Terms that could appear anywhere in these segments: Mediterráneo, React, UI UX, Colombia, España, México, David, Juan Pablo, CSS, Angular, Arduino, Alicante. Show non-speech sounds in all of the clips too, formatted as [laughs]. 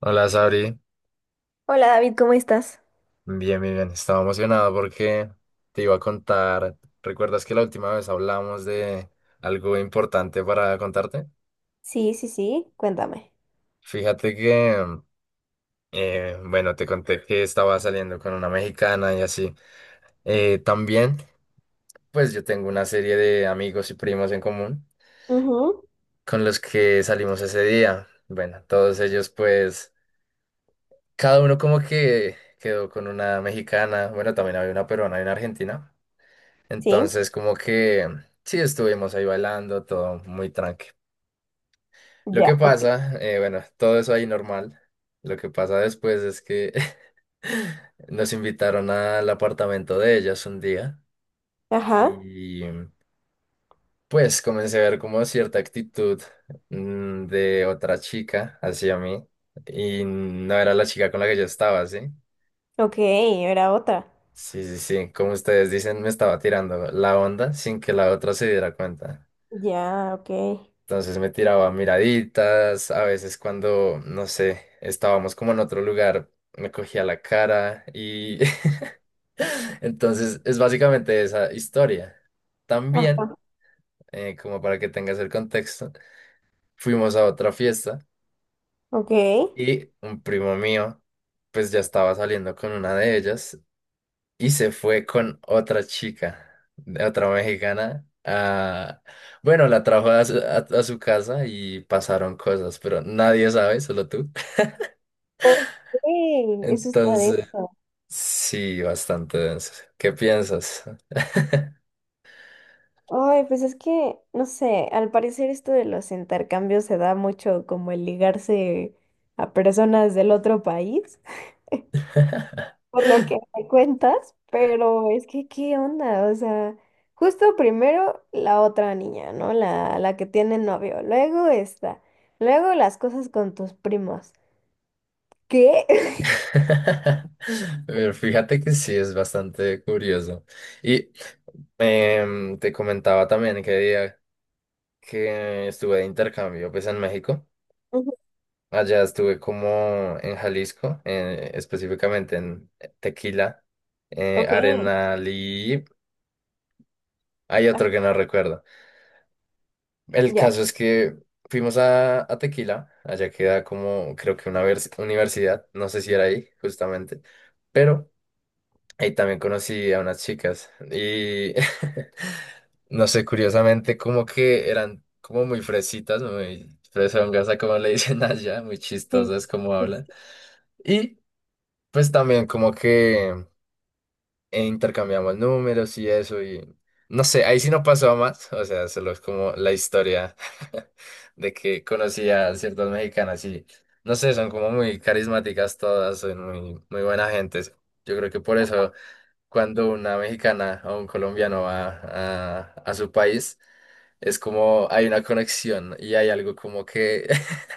Hola, Sabri. Hola David, ¿cómo estás? Bien, bien, bien. Estaba emocionado porque te iba a contar. ¿Recuerdas que la última vez hablamos de algo importante para contarte? Sí, sí, sí, cuéntame. Fíjate que, bueno, te conté que estaba saliendo con una mexicana y así. También, pues yo tengo una serie de amigos y primos en común Ujú. con los que salimos ese día. Bueno, todos ellos, pues, cada uno como que quedó con una mexicana. Bueno, también había una peruana y una argentina. Sí. Entonces, como que sí estuvimos ahí bailando, todo muy tranqui. Lo Ya, que ok. pasa, bueno, todo eso ahí normal. Lo que pasa después es que [laughs] nos invitaron al apartamento de ellas un día Ajá. y pues comencé a ver como cierta actitud de otra chica hacia mí y no era la chica con la que yo estaba, ¿sí? Ok, era otra. Sí, sí, sí, como ustedes dicen, me estaba tirando la onda sin que la otra se diera cuenta. Ya, ok. Entonces me tiraba miraditas, a veces cuando, no sé, estábamos como en otro lugar, me cogía la cara y [laughs] entonces es básicamente esa historia. También, Ajá, como para que tengas el contexto, fuimos a otra fiesta ok. y un primo mío, pues ya estaba saliendo con una de ellas y se fue con otra chica, de otra mexicana. Bueno, la trajo a su casa y pasaron cosas, pero nadie sabe, solo tú. [laughs] Ok, eso está Entonces, denso. sí, bastante denso. ¿Qué piensas? Ay, pues es que, no sé, al parecer esto de los intercambios se da mucho como el ligarse a personas del otro país. Por lo que me cuentas, pero es que, ¿qué onda? O sea, justo primero la otra niña, ¿no? La que tiene novio, luego esta, luego las cosas con tus primos. ¿Qué? [laughs] [laughs] Pero fíjate que sí, es bastante curioso. Y te comentaba también que día que estuve de intercambio, pues en México. Ujú. Allá estuve como en Jalisco, específicamente en Tequila, Ok, Arenal y hay otro que no recuerdo. El ya, caso es que fuimos a Tequila, allá queda como creo que universidad, no sé si era ahí justamente, pero ahí también conocí a unas chicas y [laughs] no sé, curiosamente como que eran como muy fresitas, muy fresongas, a como le dicen allá, muy sí, chistosas como sí, hablan. sí, Y pues también como que intercambiamos números y eso y no sé, ahí sí no pasó a más, o sea, solo es como la historia [laughs] de que conocí a ciertas mexicanas y no sé, son como muy carismáticas todas, son muy, muy buena gente. Yo creo que por eso cuando una mexicana o un colombiano va a su país, es como hay una conexión y hay algo como que [laughs]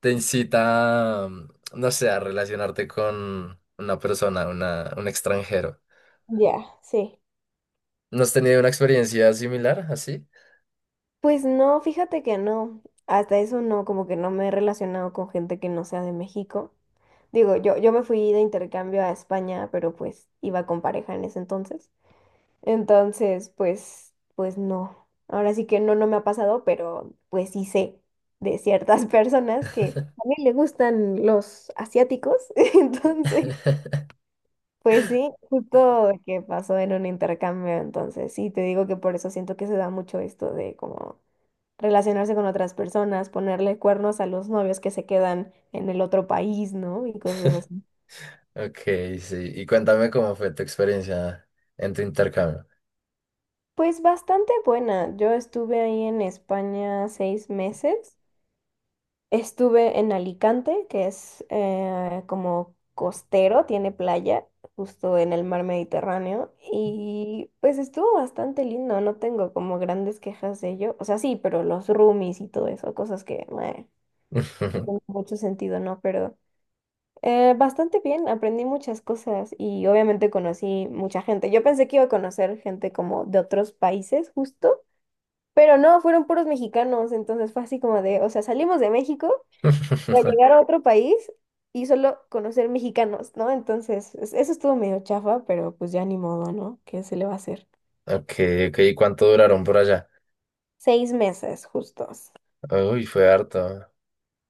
te incita, no sé, a relacionarte con una persona, un extranjero. ya, sí. ¿No has tenido una experiencia similar así? Pues no, fíjate que no, hasta eso no, como que no me he relacionado con gente que no sea de México. Digo, yo me fui de intercambio a España, pero pues iba con pareja en ese entonces. Entonces, pues, no. Ahora sí que no, no me ha pasado, pero pues sí sé de ciertas [laughs] personas que también le gustan los asiáticos. [laughs] Entonces, [laughs] pues sí, justo que pasó en un intercambio. Entonces, sí, te digo que por eso siento que se da mucho esto de como relacionarse con otras personas, ponerle cuernos a los novios que se quedan en el otro país, ¿no? Y cosas así. Ok, sí. Y cuéntame cómo fue tu experiencia en tu intercambio. Pues bastante buena. Yo estuve ahí en España 6 meses. Estuve en Alicante, que es como costero, tiene playa, justo en el mar Mediterráneo, y pues estuvo bastante lindo, no tengo como grandes quejas de ello, o sea, sí, pero los roomies y todo eso, cosas que meh, no tienen [laughs] mucho sentido, ¿no? Pero bastante bien, aprendí muchas cosas y obviamente conocí mucha gente. Yo pensé que iba a conocer gente como de otros países, justo. Pero no, fueron puros mexicanos, entonces fue así como de, o sea, salimos de México para llegar a otro país y solo conocer mexicanos, ¿no? Entonces, es- eso estuvo medio chafa, pero pues ya ni modo, ¿no? ¿Qué se le va a hacer? Ok, ok. ¿Y cuánto duraron por allá? 6 meses justos. Uy, fue harto.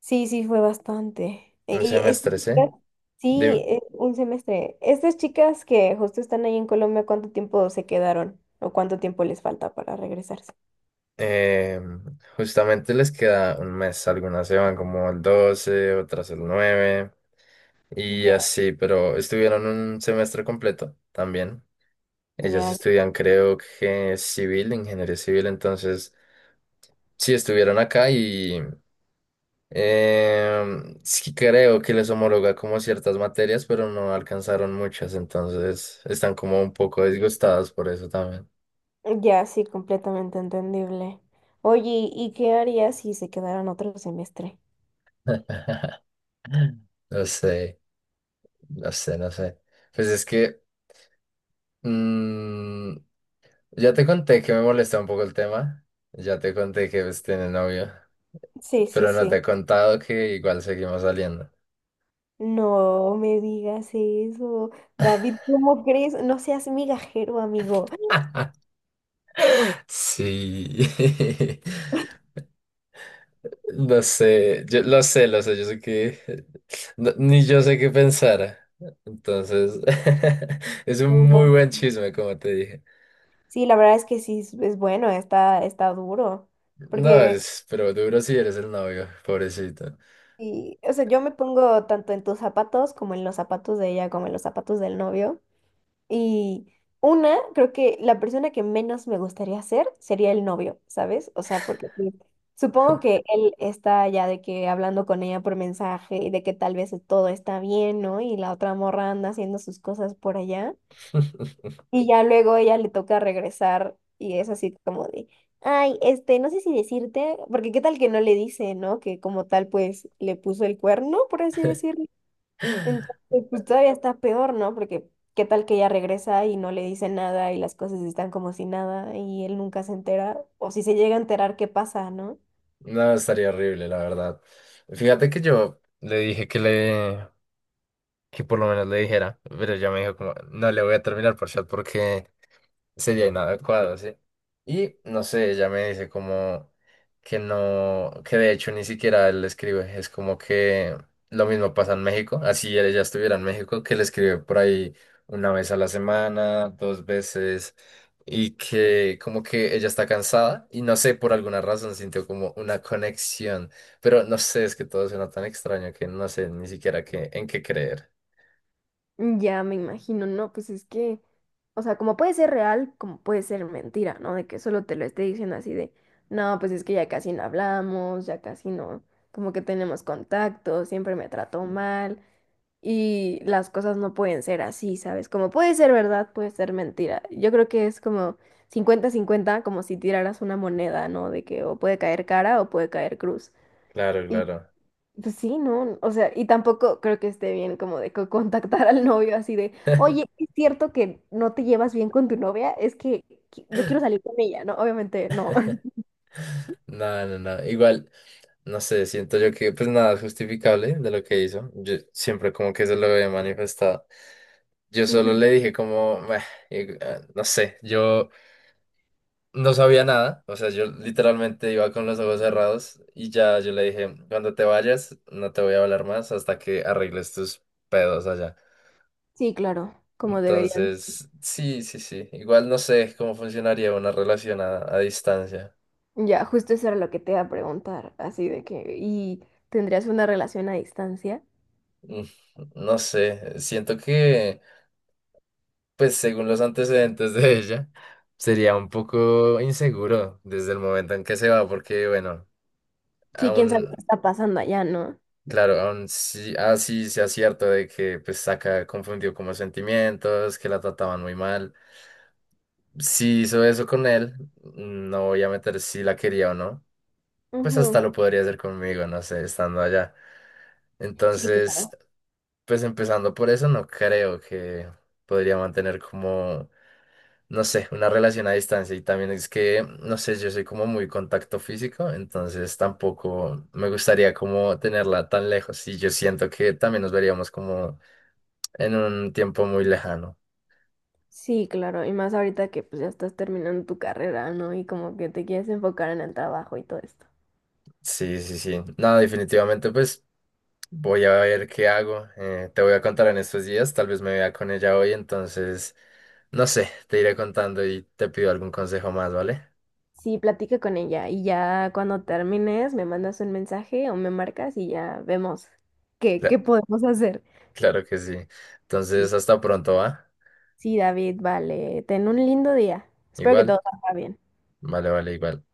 Sí, sí, fue bastante. Un Y estas semestre, ¿sí? chicas, sí, Dim- un semestre. Estas chicas que justo están ahí en Colombia, ¿cuánto tiempo se quedaron? ¿O cuánto tiempo les falta para regresarse? eh, Justamente les queda un mes. Algunas se van como el 12, otras el 9. Y Ya, así, pero estuvieron un semestre completo también. Ellas ya, estudian, creo que civil, ingeniería civil, entonces sí estuvieron acá y sí creo que les homologa como ciertas materias, pero no alcanzaron muchas, entonces están como un poco disgustadas por eso también. ya, sí, completamente entendible. Oye, ¿y qué harías si se quedaran otro semestre? [laughs] No sé, no sé, no sé. Pues es que mm, ya te conté que me molesta un poco el tema. Ya te conté que pues tiene novio. Sí, sí, Pero no te sí. he contado que igual seguimos saliendo. No me digas eso. David, ¿cómo crees? No seas migajero, amigo. [laughs] Sí. [laughs] Lo sé, yo sé que ni yo sé qué pensar. Entonces, [laughs] es un Me muy imag- buen chisme, como te dije. Sí, la verdad es que sí, es bueno, está, está duro. No, Porque, es, pero duro si eres el novio, pobrecito. y, o sea, yo me pongo tanto en tus zapatos como en los zapatos de ella, como en los zapatos del novio. Y una, creo que la persona que menos me gustaría ser sería el novio, ¿sabes? O sea, porque sí, supongo que él está ya de que hablando con ella por mensaje y de que tal vez todo está bien, ¿no? Y la otra morra anda haciendo sus cosas por allá. [laughs] Y ya luego ella le toca regresar y es así como de, ay, este, no sé si decirte, porque qué tal que no le dice, ¿no? Que como tal, pues le puso el cuerno, por así decirlo. Entonces, pues todavía está peor, ¿no? Porque qué tal que ella regresa y no le dice nada y las cosas están como si nada y él nunca se entera, o si se llega a enterar, ¿qué pasa, no? No, estaría horrible, la verdad. Fíjate que yo le dije que le, que por lo menos le dijera, pero ella me dijo como, no le voy a terminar por chat porque sería inadecuado, ¿sí? Y no sé, ella me dice como que no, que de hecho ni siquiera él le escribe, es como que lo mismo pasa en México, así ella estuviera en México, que le escribe por ahí una vez a la semana, dos veces, y que como que ella está cansada y no sé, por alguna razón sintió como una conexión, pero no sé, es que todo suena tan extraño que no sé ni siquiera qué, en qué creer. Ya me imagino, no, pues es que, o sea, como puede ser real, como puede ser mentira, ¿no? De que solo te lo esté diciendo así de, no, pues es que ya casi no hablamos, ya casi no, como que tenemos contacto, siempre me trató mal. Y las cosas no pueden ser así, ¿sabes? Como puede ser verdad, puede ser mentira. Yo creo que es como cincuenta-cincuenta como si tiraras una moneda, ¿no? De que o puede caer cara o puede caer cruz. Claro, Y claro. pues sí, ¿no? O sea, y tampoco creo que esté bien como de co- contactar al novio así de, oye, [laughs] ¿es cierto que no te llevas bien con tu novia? Es que qui- yo quiero salir con ella, ¿no? Obviamente no. [laughs] No, no, no. Igual. No sé, siento yo que pues nada es justificable de lo que hizo. Yo siempre como que se lo he manifestado. Yo Ujú. solo le dije como, "Meh", y, ah, no sé, yo no sabía nada. O sea, yo literalmente iba con los ojos cerrados y ya yo le dije, cuando te vayas, no te voy a hablar más hasta que arregles tus pedos allá. Sí, claro, como deberían. Entonces, sí, sí, sí. Igual no sé cómo funcionaría una relación a distancia. Ya, justo eso era lo que te iba a preguntar, así de que, ¿y tendrías una relación a distancia? Mm, No sé, siento que. Pues según los antecedentes de ella, sería un poco inseguro desde el momento en que se va, porque bueno, Sí, quién sabe qué aún, está pasando allá, ¿no? claro, aún sí, así sea cierto de que pues Saka confundió como sentimientos, que la trataban muy mal. Si hizo eso con él, no voy a meter si la quería o no, pues hasta Ujú. lo podría hacer conmigo, no sé, estando allá. Sí, Entonces, claro. pues empezando por eso, no creo que podría mantener como no sé, una relación a distancia. Y también es que, no sé, yo soy como muy contacto físico, entonces tampoco me gustaría como tenerla tan lejos. Y yo siento que también nos veríamos como en un tiempo muy lejano. Sí, claro, y más ahorita que pues ya estás terminando tu carrera, ¿no? Y como que te quieres enfocar en el trabajo y todo esto. Sí, sí, sí. No, definitivamente, pues voy a ver qué hago. Te voy a contar en estos días, tal vez me vea con ella hoy, entonces, no sé, te iré contando y te pido algún consejo más, ¿vale? Sí, platica con ella y ya cuando termines me mandas un mensaje o me marcas y ya vemos qué, Cla- qué podemos hacer. claro que sí. Mm. Entonces, hasta pronto, ¿va? Sí, David, vale, ten un lindo día. Espero que Igual. todo salga bien. Vale, vale, igual.